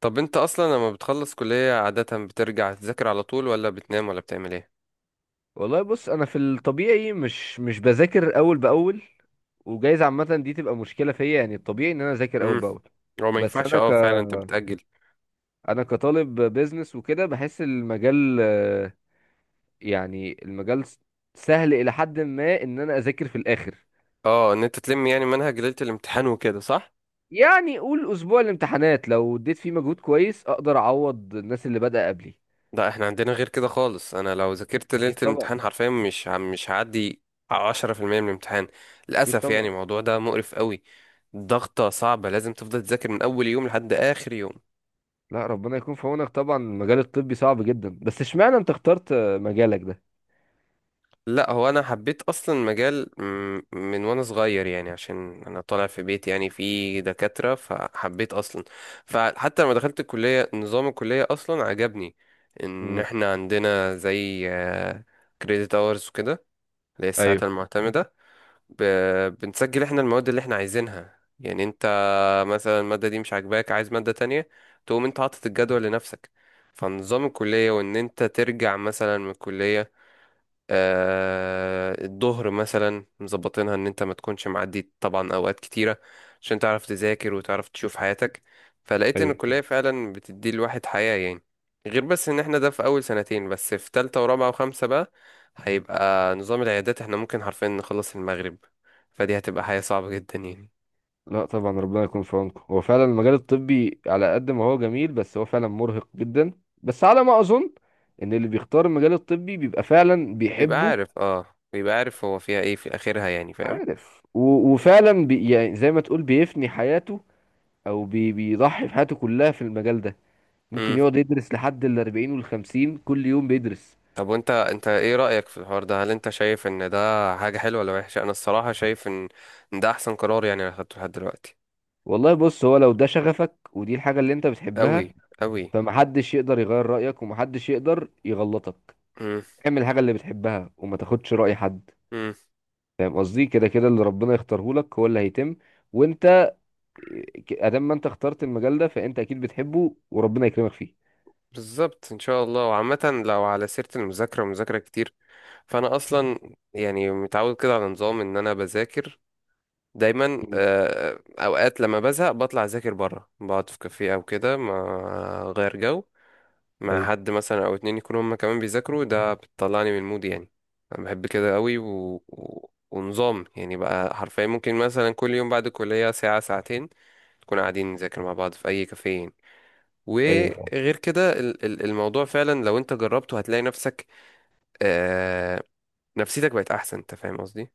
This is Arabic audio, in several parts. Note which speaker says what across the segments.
Speaker 1: طب انت اصلا لما بتخلص كلية عادة بترجع تذاكر على طول ولا بتنام ولا بتعمل ايه؟
Speaker 2: والله بص انا في الطبيعي مش بذاكر اول باول. وجايز عامه دي تبقى مشكله فيا، يعني الطبيعي ان انا اذاكر اول
Speaker 1: امم.
Speaker 2: باول.
Speaker 1: هو ما
Speaker 2: بس
Speaker 1: ينفعش، اه، فعلا انت بتأجل.
Speaker 2: انا كطالب بيزنس وكده بحس المجال يعني سهل الى حد ما ان انا اذاكر في الاخر.
Speaker 1: اه، ان انت تلم يعني منهج ليلة الامتحان وكده صح؟
Speaker 2: يعني قول اسبوع الامتحانات لو اديت فيه مجهود كويس اقدر اعوض الناس اللي بدأ قبلي.
Speaker 1: لا احنا عندنا غير كده خالص، انا لو ذاكرت ليلة
Speaker 2: اكيد طبعا.
Speaker 1: الامتحان حرفيا مش هعدي 10% من الامتحان.
Speaker 2: اكيد
Speaker 1: للاسف يعني
Speaker 2: طبعا.
Speaker 1: الموضوع ده مقرف قوي. ضغطة صعبة، لازم تفضل تذاكر من اول يوم لحد اخر يوم.
Speaker 2: لا ربنا يكون في عونك، طبعا المجال الطبي صعب جدا، بس اشمعنى انت اخترت مجالك ده؟
Speaker 1: لا هو انا حبيت اصلا مجال من وانا صغير، يعني عشان انا طالع في بيت يعني فيه دكاترة فحبيت اصلا. فحتى لما دخلت الكلية نظام الكلية اصلا عجبني، ان
Speaker 2: امم.
Speaker 1: احنا عندنا زي كريديت اورز وكده، اللي هي الساعات
Speaker 2: ايوه.
Speaker 1: المعتمدة. بنسجل احنا المواد اللي احنا عايزينها، يعني انت مثلا المادة دي مش عاجباك عايز مادة تانية، تقوم انت حاطط الجدول لنفسك. فنظام الكلية وان انت ترجع مثلا من الكلية الظهر مثلا مظبطينها ان انت ما تكونش معدي طبعا اوقات كتيره، عشان تعرف تذاكر وتعرف تشوف حياتك. فلقيت ان
Speaker 2: ايوه.
Speaker 1: الكليه فعلا بتدي الواحد حياه يعني. غير بس ان احنا ده في اول سنتين، بس في تالتة ورابعة وخمسة بقى هيبقى نظام العيادات، احنا ممكن حرفيا نخلص المغرب. فدي هتبقى حياة صعبة جدا يعني.
Speaker 2: لا طبعا ربنا يكون في عونكم، هو فعلا المجال الطبي على قد ما هو جميل بس هو فعلا مرهق جدا. بس على ما اظن ان اللي بيختار المجال الطبي بيبقى فعلا
Speaker 1: بيبقى
Speaker 2: بيحبه.
Speaker 1: عارف، اه، بيبقى عارف هو فيها ايه في اخرها يعني فاهم.
Speaker 2: عارف وفعلا بي يعني زي ما تقول بيفني حياته، او بي بيضحي بحياته كلها في المجال ده. ممكن يقعد يدرس لحد ال 40 وال 50، كل يوم بيدرس.
Speaker 1: طب وانت ايه رأيك في الحوار ده؟ هل انت شايف ان ده حاجة حلوة ولا وحشة؟ انا الصراحة شايف ان ده احسن قرار يعني انا خدته لحد دلوقتي.
Speaker 2: والله بص، هو لو ده شغفك ودي الحاجة اللي انت
Speaker 1: قوي.
Speaker 2: بتحبها
Speaker 1: قوي.
Speaker 2: فمحدش يقدر يغير رأيك ومحدش يقدر يغلطك.
Speaker 1: امم.
Speaker 2: اعمل الحاجة اللي بتحبها وما تاخدش رأي حد.
Speaker 1: امم.
Speaker 2: فاهم قصدي؟ كده كده اللي ربنا يختاره لك هو اللي هيتم. وانت ادام ما انت اخترت المجال ده فانت اكيد بتحبه وربنا يكرمك فيه.
Speaker 1: بالظبط ان شاء الله. وعامة لو على سيرة المذاكرة ومذاكرة كتير، فانا اصلا يعني متعود كده على نظام ان انا بذاكر دايما،
Speaker 2: مم.
Speaker 1: اوقات لما بزهق بطلع اذاكر بره، بقعد في كافيه او كده ما غير جو مع
Speaker 2: ايوه.
Speaker 1: حد مثلا او اتنين يكونوا هما كمان بيذاكروا، ده بتطلعني من المود يعني. انا بحب كده قوي ونظام، يعني بقى حرفيا ممكن مثلا كل يوم بعد الكلية ساعة ساعتين نكون قاعدين نذاكر مع بعض في اي كافيه يعني.
Speaker 2: ايوه فاهم.
Speaker 1: وغير كده الموضوع فعلا لو انت جربته هتلاقي نفسك. آه... نفسيتك بقت احسن، انت فاهم قصدي؟ انت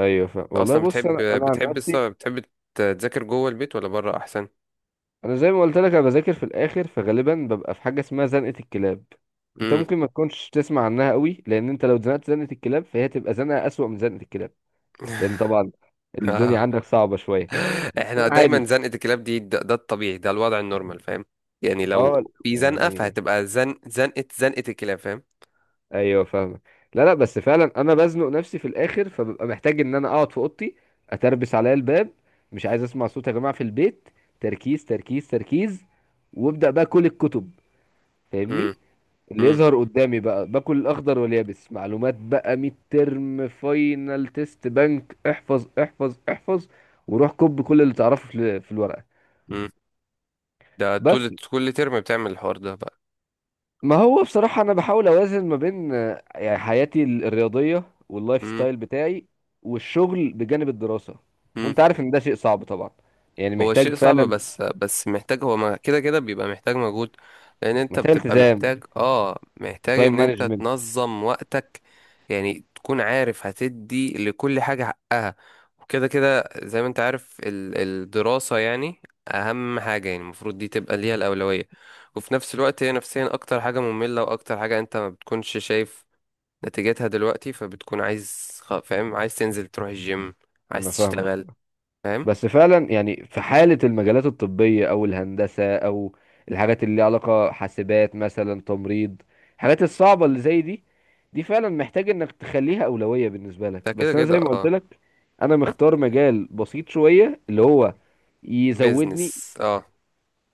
Speaker 2: ايوه فاهم. والله
Speaker 1: اصلا
Speaker 2: بص، انا عن نفسي،
Speaker 1: بتحب تذاكر جوه البيت ولا بره احسن؟
Speaker 2: انا زي ما قلت لك انا بذاكر في الاخر فغالبا ببقى في حاجه اسمها زنقه الكلاب. انت
Speaker 1: امم.
Speaker 2: ممكن ما تكونش تسمع عنها قوي، لان انت لو زنقت زنقه الكلاب فهي تبقى زنقه اسوأ من زنقه الكلاب. لان طبعا الدنيا عندك صعبه شويه. بس
Speaker 1: احنا دايما
Speaker 2: عادي.
Speaker 1: زنقة الكلاب دي، ده الطبيعي، ده الوضع النورمال فاهم. يعني
Speaker 2: اه.
Speaker 1: لو في زنقة
Speaker 2: يعني.
Speaker 1: فهتبقى زن زنقة زنقة الكلاب فاهم.
Speaker 2: ايوه فاهمك. لا بس فعلا انا بزنق نفسي في الاخر فببقى محتاج ان انا اقعد في اوضتي، اتربس عليا الباب، مش عايز اسمع صوت يا جماعه في البيت. تركيز تركيز تركيز. وابدا بقى كل الكتب، فاهمني،
Speaker 1: امم.
Speaker 2: اللي
Speaker 1: امم.
Speaker 2: يظهر قدامي بقى باكل الاخضر واليابس معلومات بقى ميد ترم فاينل تيست بنك احفظ احفظ احفظ. وروح كب كل اللي تعرفه في الورقه.
Speaker 1: امم. ده طول
Speaker 2: بس
Speaker 1: كل ترم بتعمل الحوار ده بقى؟
Speaker 2: ما هو بصراحة أنا بحاول أوازن ما بين يعني حياتي الرياضية واللايف
Speaker 1: امم.
Speaker 2: ستايل بتاعي والشغل بجانب الدراسة.
Speaker 1: امم.
Speaker 2: وأنت عارف إن ده شيء صعب طبعا، يعني
Speaker 1: هو شيء
Speaker 2: محتاج
Speaker 1: صعب،
Speaker 2: فعلا،
Speaker 1: بس محتاج، هو كده كده بيبقى محتاج مجهود، لان انت
Speaker 2: محتاج
Speaker 1: بتبقى
Speaker 2: التزام،
Speaker 1: محتاج
Speaker 2: تايم
Speaker 1: ان انت
Speaker 2: مانجمنت.
Speaker 1: تنظم وقتك. يعني تكون عارف هتدي لكل حاجة حقها، وكده كده زي ما انت عارف الدراسة يعني اهم حاجة، يعني المفروض دي تبقى ليها الأولوية. وفي نفس الوقت هي نفسيا اكتر حاجة مملة واكتر حاجة انت ما بتكونش شايف نتيجتها دلوقتي، فبتكون عايز فاهم؟ عايز تنزل تروح الجيم، عايز
Speaker 2: أنا فاهمك،
Speaker 1: تشتغل، فاهم.
Speaker 2: بس فعلا يعني في حالة المجالات الطبية أو الهندسة أو الحاجات اللي ليها علاقة حاسبات مثلا تمريض، الحاجات الصعبة اللي زي دي، دي فعلا محتاج إنك تخليها أولوية بالنسبة
Speaker 1: ده
Speaker 2: لك.
Speaker 1: كده
Speaker 2: بس أنا
Speaker 1: كده.
Speaker 2: زي ما قلت لك أنا
Speaker 1: اه،
Speaker 2: مختار مجال بسيط شوية اللي هو يزودني.
Speaker 1: بيزنس، اه.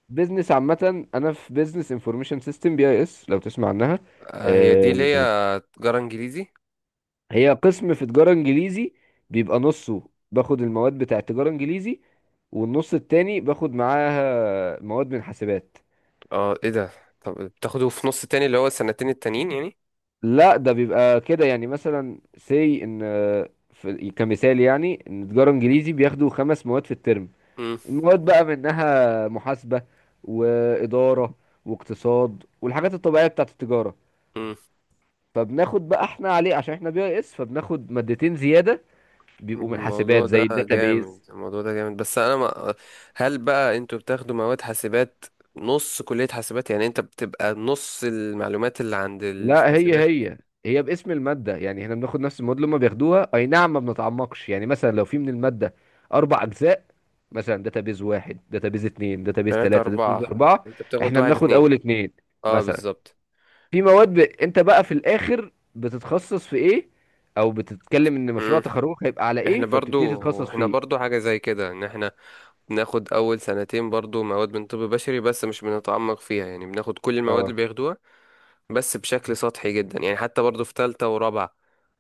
Speaker 2: بيزنس عامة، أنا في بيزنس انفورميشن سيستم، بي أي إس لو تسمع عنها.
Speaker 1: آه، هي دي اللي هي
Speaker 2: آه،
Speaker 1: تجارة انجليزي.
Speaker 2: هي قسم في تجارة انجليزي. بيبقى نصه باخد المواد بتاع تجارة انجليزي، والنص التاني باخد معاها مواد من حاسبات.
Speaker 1: اه، ايه ده؟ طب بتاخده في نص تاني اللي هو السنتين التانيين يعني؟
Speaker 2: لا ده بيبقى كده، يعني مثلا سي ان في كمثال، يعني ان تجارة انجليزي بياخدوا خمس مواد في الترم.
Speaker 1: مم.
Speaker 2: المواد بقى منها محاسبة وإدارة واقتصاد والحاجات الطبيعية بتاعة التجارة.
Speaker 1: مم.
Speaker 2: فبناخد بقى احنا عليه عشان احنا بي اس فبناخد مادتين زيادة، بيبقوا من حاسبات
Speaker 1: الموضوع
Speaker 2: زي
Speaker 1: ده جامد،
Speaker 2: الداتابيز.
Speaker 1: الموضوع ده جامد، بس انا ما. هل بقى انتوا بتاخدوا مواد حاسبات؟ نص كلية حاسبات يعني، انت بتبقى نص المعلومات اللي عند
Speaker 2: لا هي
Speaker 1: الحاسبات؟
Speaker 2: هي هي باسم المادة، يعني احنا بناخد نفس المواد اللي هم بياخدوها، اي نعم ما بنتعمقش. يعني مثلا لو في من المادة اربع اجزاء، مثلا داتابيز واحد داتابيز اتنين داتابيز
Speaker 1: تلاتة
Speaker 2: تلاتة داتابيز
Speaker 1: أربعة،
Speaker 2: اربعة،
Speaker 1: انت بتاخد
Speaker 2: احنا
Speaker 1: واحد
Speaker 2: بناخد
Speaker 1: اتنين.
Speaker 2: اول اتنين
Speaker 1: اه
Speaker 2: مثلا.
Speaker 1: بالظبط.
Speaker 2: في مواد انت بقى في الاخر بتتخصص في ايه، او بتتكلم ان مشروع
Speaker 1: مم.
Speaker 2: تخرجك هيبقى على ايه
Speaker 1: احنا
Speaker 2: فبتبتدي
Speaker 1: برضو
Speaker 2: تتخصص
Speaker 1: احنا
Speaker 2: فيه.
Speaker 1: برضو حاجة زي كده، ان احنا بناخد أول سنتين برضو مواد من طب بشري بس مش بنتعمق فيها، يعني بناخد كل المواد اللي
Speaker 2: اه.
Speaker 1: بياخدوها بس بشكل سطحي جدا. يعني حتى برضو في تالتة ورابعة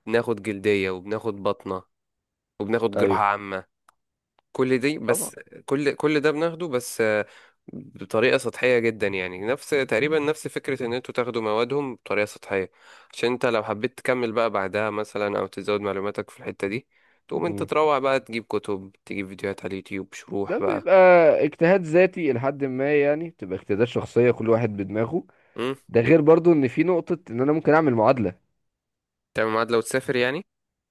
Speaker 1: بناخد جلدية وبناخد بطنة وبناخد
Speaker 2: ايوه
Speaker 1: جراحة عامة، كل دي.
Speaker 2: طبعا.
Speaker 1: بس كل ده بناخده، بس بطريقة سطحية جدا، يعني نفس تقريبا نفس فكرة ان انتوا تاخدوا موادهم بطريقة سطحية. عشان انت لو حبيت تكمل بقى بعدها مثلا او تزود معلوماتك في الحتة دي، تقوم انت
Speaker 2: مم.
Speaker 1: تروح بقى تجيب كتب تجيب فيديوهات على اليوتيوب شروح
Speaker 2: ده
Speaker 1: بقى.
Speaker 2: بيبقى اجتهاد ذاتي لحد ما، يعني بتبقى اجتهادات شخصية كل واحد بدماغه. ده غير برضو ان في نقطة ان انا ممكن اعمل معادلة.
Speaker 1: تعمل ميعاد لو تسافر يعني؟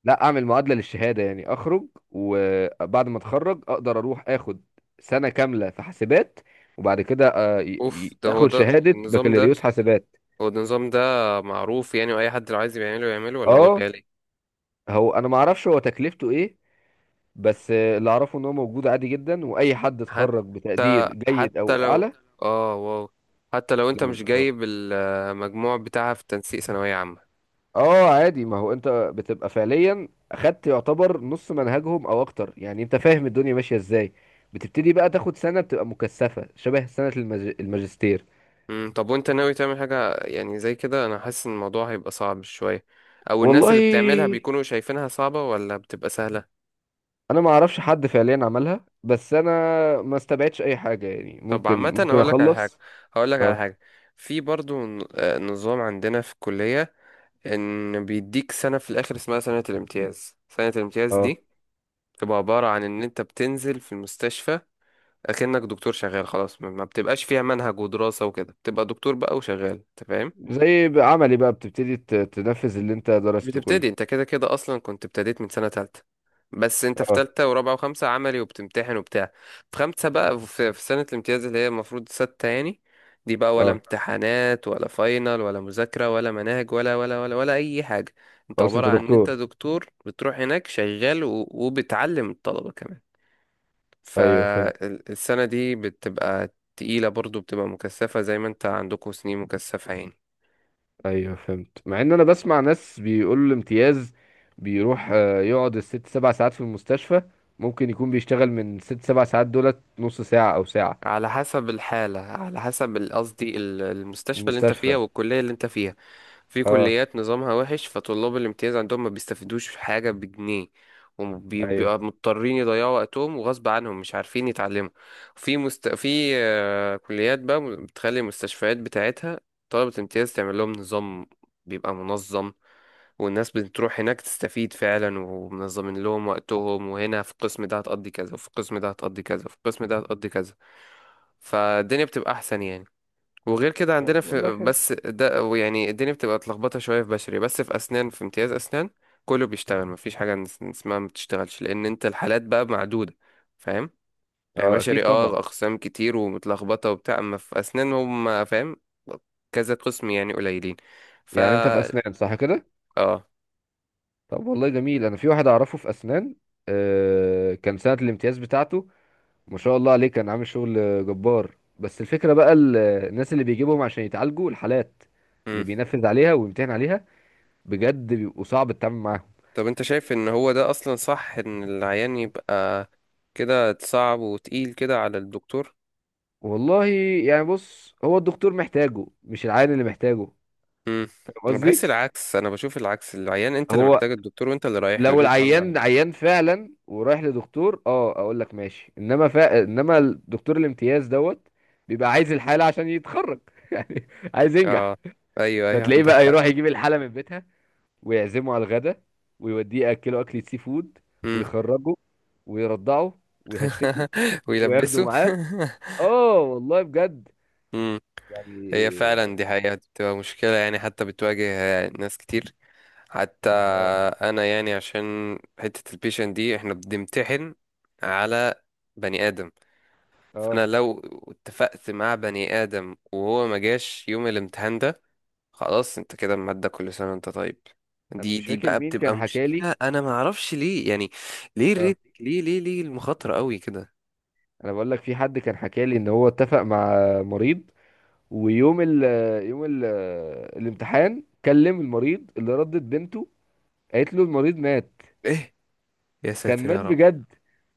Speaker 2: لا اعمل معادلة للشهادة، يعني اخرج وبعد ما اتخرج اقدر اروح اخد سنة كاملة في حاسبات، وبعد كده
Speaker 1: اوف. ده هو
Speaker 2: اخد
Speaker 1: ده
Speaker 2: شهادة
Speaker 1: النظام ده،
Speaker 2: بكالوريوس حاسبات.
Speaker 1: هو ده النظام ده معروف يعني؟ واي حد لو عايز يعمله يعمله؟ ولا هو
Speaker 2: اه.
Speaker 1: غالي؟
Speaker 2: هو انا ما اعرفش هو تكلفته ايه، بس اللي اعرفه ان هو موجود عادي جدا واي حد اتخرج بتقدير
Speaker 1: حتى
Speaker 2: جيد
Speaker 1: حتى
Speaker 2: او
Speaker 1: لو،
Speaker 2: اعلى.
Speaker 1: اه، واو، حتى لو انت مش
Speaker 2: اه.
Speaker 1: جايب المجموع بتاعها في تنسيق ثانوية عامة.
Speaker 2: اه عادي، ما هو انت بتبقى فعليا اخدت يعتبر نص منهجهم او اكتر، يعني انت فاهم الدنيا ماشيه ازاي. بتبتدي بقى تاخد سنه بتبقى مكثفه شبه سنه الماجستير.
Speaker 1: امم. طب وانت ناوي تعمل حاجة يعني زي كده؟ انا حاسس ان الموضوع هيبقى صعب شوية، او الناس اللي بتعملها
Speaker 2: والله
Speaker 1: بيكونوا شايفينها صعبة ولا بتبقى سهلة؟
Speaker 2: انا ما اعرفش حد فعليا عملها، بس انا ما استبعدش اي حاجه، يعني
Speaker 1: طب
Speaker 2: ممكن
Speaker 1: عامة
Speaker 2: ممكن
Speaker 1: هقول لك على حاجة،
Speaker 2: اخلص.
Speaker 1: هقول لك على
Speaker 2: اه.
Speaker 1: حاجة. في برضو نظام عندنا في الكلية، ان بيديك سنة في الاخر اسمها سنة الامتياز. سنة الامتياز
Speaker 2: اه
Speaker 1: دي تبقى عبارة عن ان انت بتنزل في المستشفى اكنك دكتور شغال خلاص، ما بتبقاش فيها منهج ودراسة وكده، بتبقى دكتور بقى وشغال انت فاهم.
Speaker 2: زي بقى عملي بقى، بتبتدي تنفذ اللي انت
Speaker 1: مش
Speaker 2: درسته
Speaker 1: بتبتدي
Speaker 2: كله.
Speaker 1: انت، كده كده اصلا كنت ابتديت من سنة تالتة، بس انت في
Speaker 2: اه.
Speaker 1: تالتة ورابعة وخمسة عملي وبتمتحن وبتاع. في خمسة بقى في سنة الامتياز اللي هي المفروض ستة يعني، دي بقى ولا
Speaker 2: اه
Speaker 1: امتحانات ولا فاينل ولا مذاكرة ولا مناهج ولا ولا ولا ولا أي حاجة. انت
Speaker 2: خلاص
Speaker 1: عبارة
Speaker 2: انت
Speaker 1: عن ان انت
Speaker 2: دكتور.
Speaker 1: دكتور بتروح هناك شغال وبتعلم الطلبة كمان.
Speaker 2: ايوه فهمت.
Speaker 1: فالسنة دي بتبقى تقيلة برضو، بتبقى مكثفة زي ما انت عندكم سنين مكثفة يعني.
Speaker 2: ايوه فهمت، مع ان انا بسمع ناس بيقولوا الامتياز بيروح يقعد الست سبع ساعات في المستشفى، ممكن يكون بيشتغل من ست سبع ساعات دولت نص ساعة او ساعة
Speaker 1: على حسب الحالة، على حسب قصدي
Speaker 2: في
Speaker 1: المستشفى اللي انت فيها
Speaker 2: المستشفى.
Speaker 1: والكلية اللي انت فيها. في
Speaker 2: اه.
Speaker 1: كليات نظامها وحش، فطلاب الامتياز عندهم ما بيستفيدوش حاجة بجنيه، وبيبقوا
Speaker 2: ايوه.
Speaker 1: مضطرين يضيعوا وقتهم وغصب عنهم مش عارفين يتعلموا. في كليات بقى بتخلي المستشفيات بتاعتها طلبة الامتياز تعمل لهم نظام بيبقى منظم، والناس بتروح هناك تستفيد فعلا ومنظمين لهم وقتهم، وهنا في القسم ده هتقضي كذا وفي القسم ده هتقضي كذا وفي القسم ده هتقضي كذا، فالدنيا بتبقى احسن يعني. وغير كده عندنا،
Speaker 2: طب
Speaker 1: في
Speaker 2: والله حلو.
Speaker 1: بس ده يعني الدنيا بتبقى اتلخبطه شويه في بشري، بس في اسنان في امتياز اسنان كله بيشتغل، مفيش حاجه اسمها ما بتشتغلش لان انت الحالات بقى معدوده فاهم. يعني
Speaker 2: اه اكيد
Speaker 1: بشري،
Speaker 2: طبعا.
Speaker 1: اه، اقسام كتير ومتلخبطه وبتاع، اما في اسنان هم فاهم كذا قسم يعني قليلين. ف
Speaker 2: يعني انت في اسنان صح كده؟
Speaker 1: اه
Speaker 2: طب والله جميل، انا في واحد اعرفه في اسنان. آه كان سنة الامتياز بتاعته ما شاء الله عليه كان عامل شغل جبار. بس الفكرة بقى الناس اللي بيجيبهم عشان يتعالجوا، الحالات اللي
Speaker 1: مم.
Speaker 2: بينفذ عليها ويمتحن عليها، بجد بيبقوا صعب التعامل معاهم.
Speaker 1: طب انت شايف ان هو ده اصلا صح ان العيان يبقى كده صعب وتقيل كده على الدكتور؟
Speaker 2: والله يعني بص، هو الدكتور محتاجه مش العيان اللي محتاجه.
Speaker 1: امم.
Speaker 2: فاهم
Speaker 1: انا بحس
Speaker 2: قصدي؟
Speaker 1: العكس، انا بشوف العكس، العيان انت اللي
Speaker 2: هو
Speaker 1: محتاج الدكتور وانت اللي رايح له،
Speaker 2: لو
Speaker 1: ليه تعمل معاه؟
Speaker 2: العيان عيان فعلا ورايح لدكتور اه اقول لك ماشي، انما انما الدكتور الامتياز دوت بيبقى عايز الحالة عشان يتخرج يعني، عايز ينجح.
Speaker 1: اه، ايوه، ايوه.
Speaker 2: فتلاقيه
Speaker 1: عندك
Speaker 2: بقى
Speaker 1: حق.
Speaker 2: يروح يجيب الحالة من بيتها، ويعزمه على الغدا، ويوديه ياكله اكلة سي فود،
Speaker 1: امم.
Speaker 2: ويخرجه، ويرضعه، ويهشتكه، وياخده
Speaker 1: ويلبسه.
Speaker 2: معاه. اه والله بجد
Speaker 1: امم. هي
Speaker 2: يعني.
Speaker 1: فعلا دي حقيقة بتبقى مشكلة يعني حتى بتواجه ناس كتير. حتى
Speaker 2: اه.
Speaker 1: انا، يعني عشان حتة البيشن دي احنا بنمتحن على بني ادم،
Speaker 2: اه
Speaker 1: فانا لو اتفقت مع بني ادم وهو ما جاش يوم الامتحان ده، خلاص انت كده المادة كل سنة وانت طيب.
Speaker 2: انا
Speaker 1: دي
Speaker 2: مش
Speaker 1: دي
Speaker 2: فاكر
Speaker 1: بقى
Speaker 2: مين
Speaker 1: بتبقى
Speaker 2: كان حكالي.
Speaker 1: مشكلة، انا ما اعرفش ليه يعني. ليه
Speaker 2: اه
Speaker 1: الريت، ليه ليه ليه المخاطرة قوي كده؟
Speaker 2: انا بقول لك، في حد كان حكالي ان هو اتفق مع مريض، ويوم ال يوم ال الامتحان كلم المريض، اللي ردت بنته قالت له المريض مات.
Speaker 1: ايه؟ يا
Speaker 2: كان
Speaker 1: ساتر
Speaker 2: مات
Speaker 1: يا رب.
Speaker 2: بجد،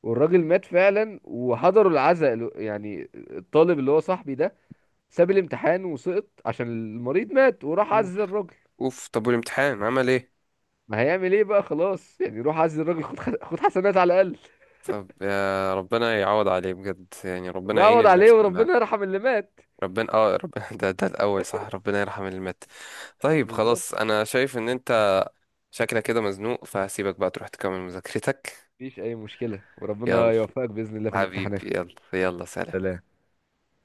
Speaker 2: والراجل مات فعلا وحضروا العزاء يعني الطالب اللي هو صاحبي ده ساب الامتحان وسقط عشان المريض مات وراح
Speaker 1: اوف.
Speaker 2: عزى الراجل.
Speaker 1: اوف. طب والامتحان عمل ايه؟
Speaker 2: ما هيعمل ايه بقى؟ خلاص يعني روح عزى الراجل، خد حسنات على الاقل.
Speaker 1: طب يا ربنا يعوض عليه بجد يعني، ربنا يعين
Speaker 2: بقعد عليه
Speaker 1: الناس كلها.
Speaker 2: وربنا يرحم اللي مات.
Speaker 1: ربنا ده الاول صح، ربنا يرحم اللي مات. طيب
Speaker 2: بالظبط.
Speaker 1: خلاص انا شايف ان انت شكلك كده مزنوق، فهسيبك بقى تروح تكمل مذاكرتك.
Speaker 2: مفيش اي مشكلة، وربنا
Speaker 1: يلا
Speaker 2: يوفقك بإذن الله في الامتحانات.
Speaker 1: حبيبي، يلا يلا، سلام.
Speaker 2: سلام.